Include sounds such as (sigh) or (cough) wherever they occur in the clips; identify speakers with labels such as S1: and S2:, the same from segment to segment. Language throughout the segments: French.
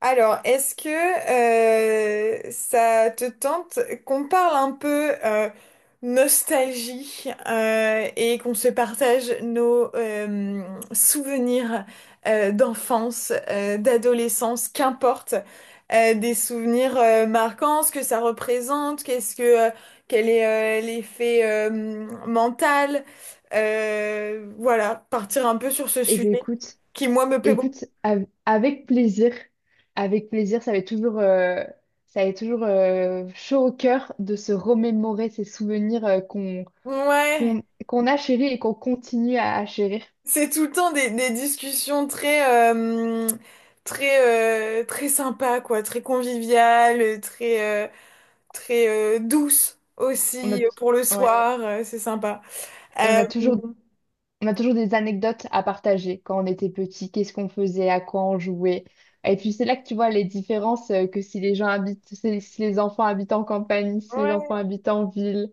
S1: Alors, est-ce que ça te tente qu'on parle un peu nostalgie et qu'on se partage nos souvenirs d'enfance, d'adolescence, qu'importe, des souvenirs marquants, ce que ça représente, qu'est-ce que euh, quel est l'effet mental, voilà, partir un peu sur ce
S2: Eh bien,
S1: sujet
S2: écoute,
S1: qui moi me plaît beaucoup.
S2: avec plaisir, ça va être toujours, ça va être toujours chaud au cœur de se remémorer ces souvenirs qu'on
S1: Ouais.
S2: qu'on qu'on a chéris et qu'on continue à chérir.
S1: C'est tout le temps des discussions très sympas, quoi, très conviviales, très douces
S2: On a,
S1: aussi
S2: t-
S1: pour le
S2: ouais,
S1: soir, c'est sympa.
S2: et on
S1: Euh,
S2: a toujours, on a toujours des anecdotes à partager quand on était petit, qu'est-ce qu'on faisait, à quoi on jouait. Et puis c'est là que tu vois les différences que si les gens habitent, si les enfants habitent en campagne, si les enfants
S1: Ouais.
S2: habitent en ville.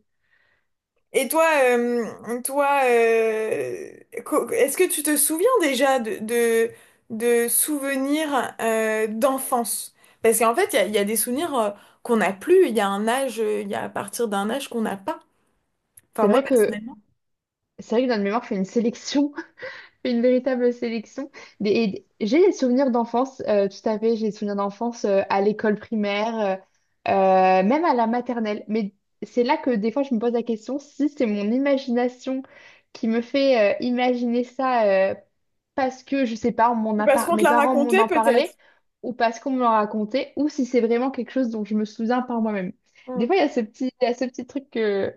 S1: Et toi, est-ce que tu te souviens déjà de souvenirs d'enfance? Parce qu'en fait, il y a des souvenirs qu'on n'a plus, il y a un âge, il y a à partir d'un âge qu'on n'a pas.
S2: C'est
S1: Enfin, moi,
S2: vrai que
S1: personnellement.
S2: c'est vrai que dans le mémoire, je fais une sélection. Une véritable sélection. J'ai des souvenirs d'enfance, tout à fait, j'ai des souvenirs d'enfance à l'école primaire, même à la maternelle. Mais c'est là que des fois je me pose la question si c'est mon imagination qui me fait imaginer ça, parce que, je sais pas, on m'en
S1: Ou
S2: a
S1: parce
S2: par-
S1: qu'on te
S2: mes
S1: l'a
S2: parents
S1: raconté
S2: m'en ont parlé
S1: peut-être.
S2: ou parce qu'on me l'a raconté ou si c'est vraiment quelque chose dont je me souviens par moi-même.
S1: Mm.
S2: Des fois, il y a ce petit truc que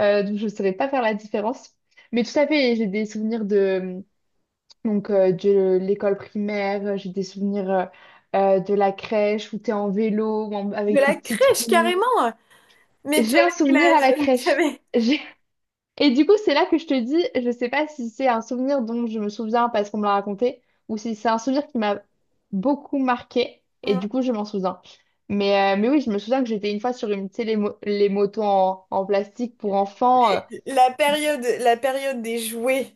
S2: dont je ne saurais pas faire la différence. Mais tout à fait, j'ai des souvenirs de, donc, de l'école primaire, j'ai des souvenirs de la crèche où t'es en vélo,
S1: De
S2: avec tes
S1: la
S2: petites
S1: crèche,
S2: roues.
S1: carrément. Mais tu
S2: J'ai
S1: avais
S2: un
S1: quel
S2: souvenir à la
S1: âge? (laughs) Tu
S2: crèche.
S1: avais...
S2: (laughs) J'ai- Et du coup, c'est là que je te dis, je sais pas si c'est un souvenir dont je me souviens parce qu'on me l'a raconté, ou si c'est un souvenir qui m'a beaucoup marqué, et
S1: Mm.
S2: du coup, je m'en souviens. Mais oui, je me souviens que j'étais une fois sur une, tu sais, les motos en, en plastique pour enfants.
S1: La période, la période des jouets,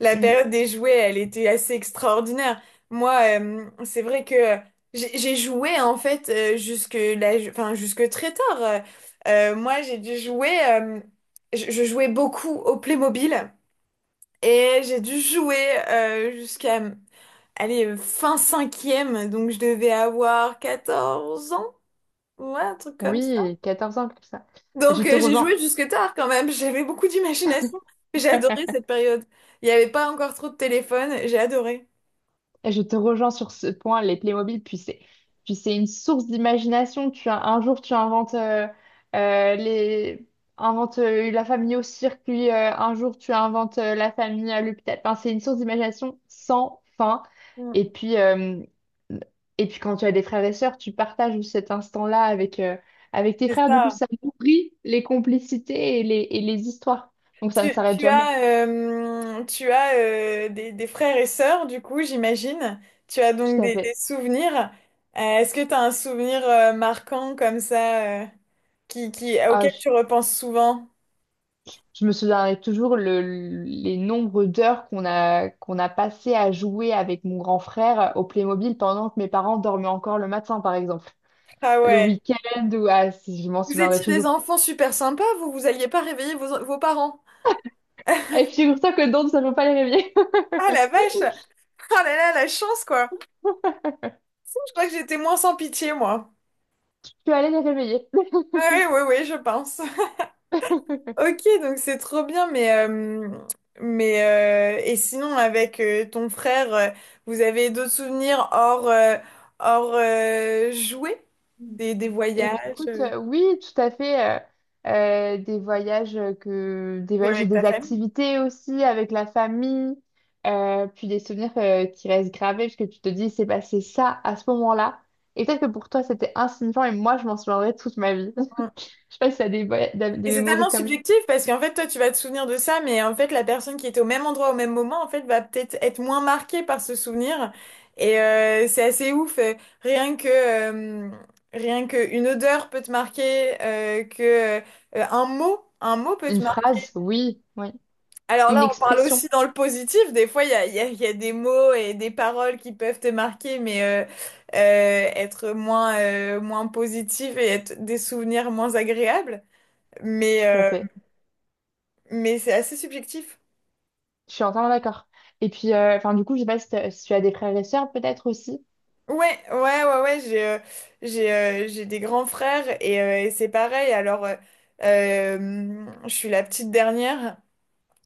S1: la
S2: hmm,
S1: période des jouets, elle était assez extraordinaire. Moi, c'est vrai que j'ai joué en fait jusque là, enfin jusque très tard. Moi, j'ai dû jouer. Je je, jouais beaucoup au Playmobil et j'ai dû jouer jusqu'à allez, fin cinquième, donc je devais avoir 14 ans, ouais, un truc comme ça.
S2: oui, 14 ans, comme ça. Je
S1: Donc
S2: te
S1: j'ai
S2: rejoins.
S1: joué jusque tard quand même, (laughs) j'avais beaucoup d'imagination. J'ai adoré
S2: (laughs)
S1: cette période. Il n'y avait pas encore trop de téléphone, j'ai adoré.
S2: Je te rejoins sur ce point, les Playmobil, puis c'est une source d'imagination. Tu as, un jour, tu inventes, euh, les, inventes la famille au circuit, un jour, tu inventes la famille à l'hôpital. Enfin, c'est une source d'imagination sans fin.
S1: Mm.
S2: Et puis, euh, et puis, quand tu as des frères et sœurs, tu partages cet instant-là avec, avec tes
S1: C'est
S2: frères. Du coup,
S1: ça.
S2: ça nourrit les complicités et les histoires. Donc, ça ne
S1: Tu,
S2: s'arrête
S1: tu
S2: jamais.
S1: as, euh, tu as euh, des, des frères et sœurs, du coup, j'imagine. Tu as donc
S2: Tout à
S1: des
S2: fait.
S1: souvenirs. Est-ce que tu as un souvenir marquant comme ça
S2: Ah.
S1: auquel tu repenses souvent?
S2: Je me souviendrai toujours les nombres d'heures qu'on a passées à jouer avec mon grand frère au Playmobil pendant que mes parents dormaient encore le matin, par exemple.
S1: Ah
S2: Le
S1: ouais.
S2: week-end ou... Ah, si, je m'en
S1: Vous
S2: souviendrai
S1: étiez des
S2: toujours.
S1: enfants super sympas, vous alliez pas réveiller vos parents.
S2: Et figure-toi que Dawn, ça ne peut pas les réveiller. (laughs)
S1: Ah la vache! Ah là là, la chance quoi! Je crois que j'étais moins sans pitié moi.
S2: Je suis allée les réveiller.
S1: Ah oui, oui, oui, je pense. (laughs) Ok, donc c'est trop bien, mais et sinon avec ton frère, vous avez d'autres souvenirs hors, jouets? Des
S2: (laughs) Eh bien,
S1: voyages?
S2: écoute, oui, tout à fait. Des voyages des
S1: Ou
S2: voyages et
S1: avec ta
S2: des
S1: famille?
S2: activités aussi avec la famille, puis des souvenirs qui restent gravés parce que tu te dis, c'est passé ça à ce moment-là. Et peut-être que pour toi, c'était insignifiant et moi, je m'en souviendrai toute ma vie. (laughs) Je sais pas si t'as des, voya- des
S1: Et c'est
S2: mémories
S1: tellement
S2: comme
S1: subjectif parce qu'en fait, toi, tu vas te souvenir de ça, mais en fait, la personne qui était au même endroit au même moment, en fait, va peut-être être moins marquée par ce souvenir. Et c'est assez ouf. Rien que, rien que une odeur peut te marquer, que un mot peut te
S2: une
S1: marquer.
S2: phrase, oui, oui,
S1: Alors
S2: une
S1: là, on parle
S2: expression,
S1: aussi dans le positif. Des fois, il y a des mots et des paroles qui peuvent te marquer, mais être moins, moins positif et être des souvenirs moins agréables. Mais,
S2: tout à fait.
S1: mais c'est assez subjectif.
S2: Je suis entièrement d'accord. Et puis, enfin, du coup, je sais pas si tu as des frères et sœurs peut-être aussi.
S1: Ouais, ouais, ouais, ouais, j'ai des grands frères et c'est pareil. Alors, je suis la petite dernière.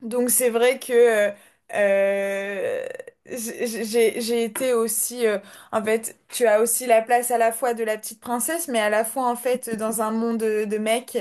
S1: Donc c'est vrai que euh, j'ai été aussi en fait tu as aussi la place à la fois de la petite princesse mais à la fois en fait dans un monde de mecs,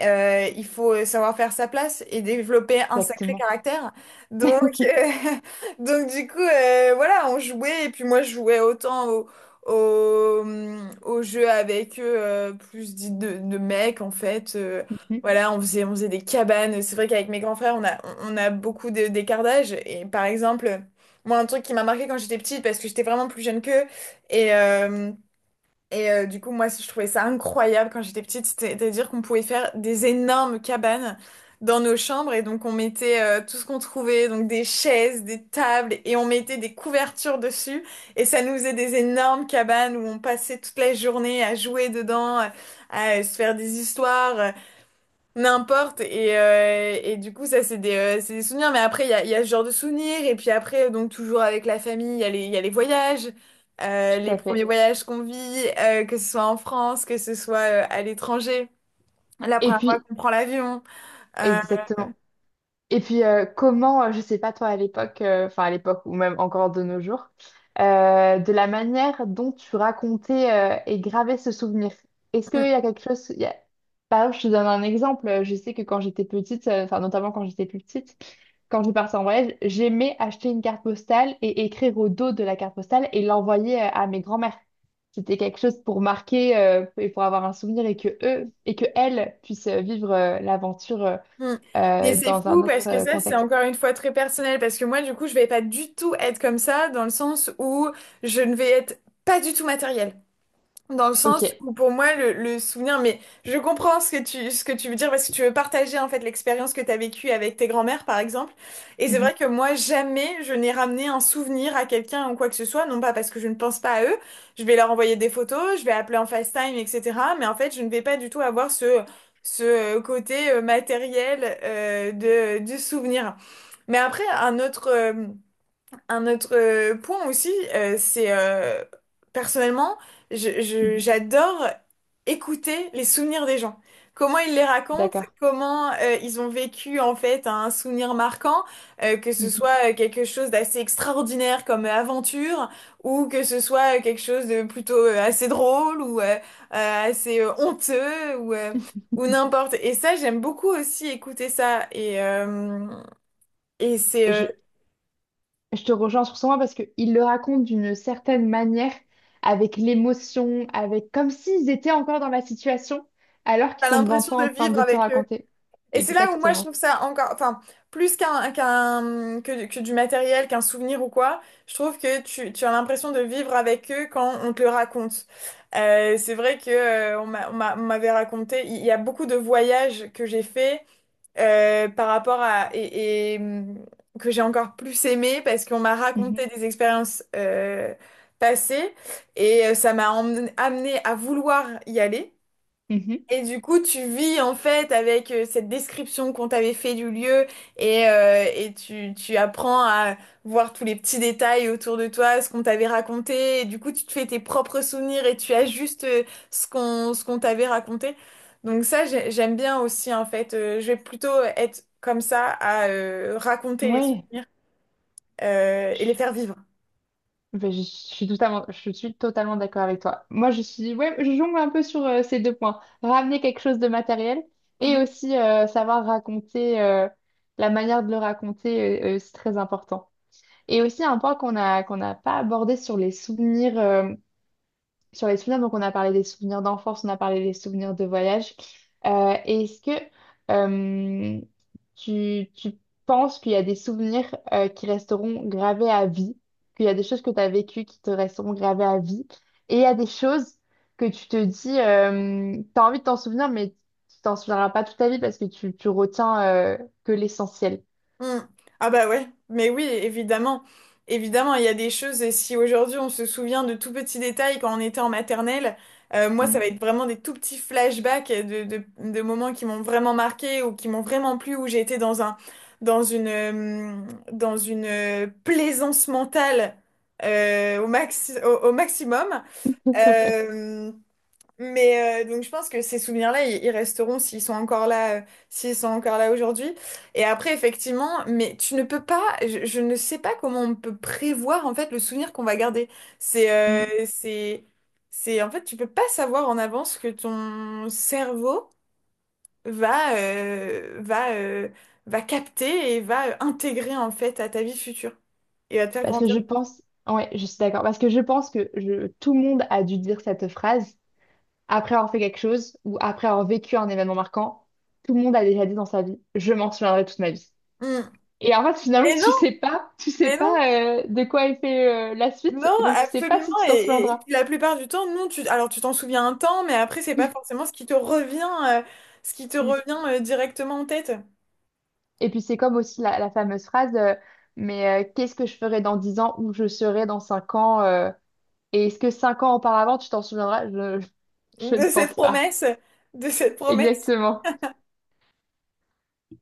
S1: il faut savoir faire sa place et développer un sacré
S2: Exactement.
S1: caractère, donc
S2: (laughs)
S1: euh, (laughs) donc du coup voilà, on jouait et puis moi je jouais autant au au jeu avec eux, plus dit de mecs en fait.
S2: Mhm.
S1: Voilà, on faisait des cabanes. C'est vrai qu'avec mes grands frères, on a beaucoup d'écart d'âge. Et par exemple, moi, un truc qui m'a marqué quand j'étais petite, parce que j'étais vraiment plus jeune qu'eux, et, euh, du coup, moi, je trouvais ça incroyable quand j'étais petite, c'est-à-dire qu'on pouvait faire des énormes cabanes dans nos chambres, et donc on mettait tout ce qu'on trouvait, donc des chaises, des tables, et on mettait des couvertures dessus, et ça nous faisait des énormes cabanes où on passait toute la journée à jouer dedans, à se faire des histoires. N'importe. Et, du coup, ça, c'est des souvenirs. Mais après, il y a ce genre de souvenirs. Et puis après, donc toujours avec la famille, il y a les voyages,
S2: Tout
S1: les
S2: à
S1: premiers
S2: fait.
S1: voyages qu'on vit, que ce soit en France, que ce soit à l'étranger. La
S2: Et
S1: première fois
S2: puis,
S1: qu'on prend l'avion. Euh,
S2: exactement. Et puis, comment, je sais pas toi à l'époque, enfin à l'époque ou même encore de nos jours, de la manière dont tu racontais et gravais ce souvenir. Est-ce qu'il
S1: hum.
S2: y a quelque chose... Par exemple, je te donne un exemple. Je sais que quand j'étais petite, enfin notamment quand j'étais plus petite, quand je partais en voyage, j'aimais acheter une carte postale et écrire au dos de la carte postale et l'envoyer à mes grands-mères. C'était quelque chose pour marquer et pour avoir un souvenir et que eux et que elles puissent vivre l'aventure.
S1: Hum. Mais c'est
S2: Dans
S1: fou
S2: un autre
S1: parce que ça, c'est
S2: contexte.
S1: encore une fois très personnel. Parce que moi, du coup, je vais pas du tout être comme ça, dans le sens où je ne vais être pas du tout matériel. Dans le
S2: Ok.
S1: sens où pour moi le souvenir, mais je comprends ce que tu veux dire parce que tu veux partager en fait l'expérience que tu as vécue avec tes grands-mères par exemple. Et c'est
S2: Mhm.
S1: vrai que moi jamais je n'ai ramené un souvenir à quelqu'un ou quoi que ce soit, non pas parce que je ne pense pas à eux, je vais leur envoyer des photos, je vais appeler en FaceTime, etc. Mais en fait je ne vais pas du tout avoir ce, côté matériel du souvenir. Mais après un autre... point aussi, c'est personnellement,
S2: Mhm,
S1: j'adore écouter les souvenirs des gens. Comment ils les racontent,
S2: d'accord.
S1: comment ils ont vécu en fait un souvenir marquant, que ce
S2: Mhm.
S1: soit quelque chose d'assez extraordinaire comme aventure, ou que ce soit quelque chose de plutôt assez drôle ou assez honteux ou n'importe. Et ça, j'aime beaucoup aussi écouter ça et c'est
S2: Je, je te rejoins sur ce point parce qu'ils le racontent d'une certaine manière, avec l'émotion, avec comme s'ils étaient encore dans la situation, alors qu'ils
S1: t'as
S2: sont devant
S1: l'impression
S2: toi
S1: de
S2: en train
S1: vivre
S2: de te
S1: avec eux.
S2: raconter.
S1: Et c'est là où moi je
S2: Exactement.
S1: trouve ça encore, enfin, plus que du matériel, qu'un souvenir ou quoi, je trouve tu as l'impression de vivre avec eux quand on te le raconte. C'est vrai que on m'avait raconté, il y a beaucoup de voyages que j'ai fait par rapport à et, que j'ai encore plus aimé parce qu'on m'a
S2: Mhm.
S1: raconté des expériences passées et ça m'a amené à vouloir y aller.
S2: Mhm.
S1: Et du coup, tu vis en fait avec cette description qu'on t'avait fait du lieu, et tu apprends à voir tous les petits détails autour de toi, ce qu'on t'avait raconté. Et du coup, tu te fais tes propres souvenirs et tu ajustes ce qu'on t'avait raconté. Donc ça, j'aime bien aussi en fait. Je vais plutôt être comme ça à raconter les
S2: Oui.
S1: souvenirs et les faire vivre.
S2: Ben, je suis totalement d'accord avec toi. Moi, je suis, ouais, je jongle un peu sur ces deux points. Ramener quelque chose de matériel
S1: Mmh.
S2: et aussi savoir raconter, la manière de le raconter, c'est très important. Et aussi un point qu'on n'a pas abordé sur les souvenirs. Donc on a parlé des souvenirs d'enfance, on a parlé des souvenirs de voyage. Et est-ce que euh, tu penses qu'il y a des souvenirs qui resteront gravés à vie, qu'il y a des choses que tu as vécues qui te resteront gravées à vie, et il y a des choses que tu te dis, tu as envie de t'en souvenir, mais tu t'en souviendras pas toute ta vie parce que tu retiens que l'essentiel.
S1: Hmm. Ah bah ouais, mais oui, évidemment. Évidemment, il y a des choses, et si aujourd'hui on se souvient de tout petits détails quand on était en maternelle, moi ça
S2: Mm.
S1: va être vraiment des tout petits flashbacks de moments qui m'ont vraiment marqué ou qui m'ont vraiment plu, où j'ai été dans un, dans une, euh, dans une plaisance mentale au maximum.
S2: (laughs)
S1: Euh, mais donc je pense que ces souvenirs-là, ils resteront s'ils sont encore là, aujourd'hui. Et après, effectivement, mais tu ne peux pas, je ne sais pas comment on peut prévoir en fait le souvenir qu'on va garder. C'est,
S2: Mm.
S1: euh, c'est, c'est en fait, tu peux pas savoir en avance ce que ton cerveau va, euh, va, euh, va capter et va intégrer en fait à ta vie future et va te faire
S2: Parce que
S1: grandir.
S2: je pense, ouais, je suis d'accord. Parce que je pense que je- tout le monde a dû dire cette phrase. Après avoir fait quelque chose ou après avoir vécu un événement marquant, tout le monde a déjà dit dans sa vie, je m'en souviendrai toute ma vie.
S1: Mm.
S2: Et en fait, finalement,
S1: Et non,
S2: tu sais
S1: mais non.
S2: pas de quoi est fait la suite,
S1: Non,
S2: et donc tu sais pas
S1: absolument.
S2: si tu t'en
S1: Et
S2: souviendras.
S1: puis la plupart du temps, non, alors tu t'en souviens un temps, mais après, c'est pas forcément ce qui te revient,
S2: Mm.
S1: directement en tête
S2: Et puis c'est comme aussi la fameuse phrase, qu'est-ce que je ferai dans 10 ans, où je serai dans 5 ans, et est-ce que 5 ans auparavant, tu t'en souviendras? Je ne
S1: de cette
S2: pense pas.
S1: promesse, de cette promesse.
S2: Exactement.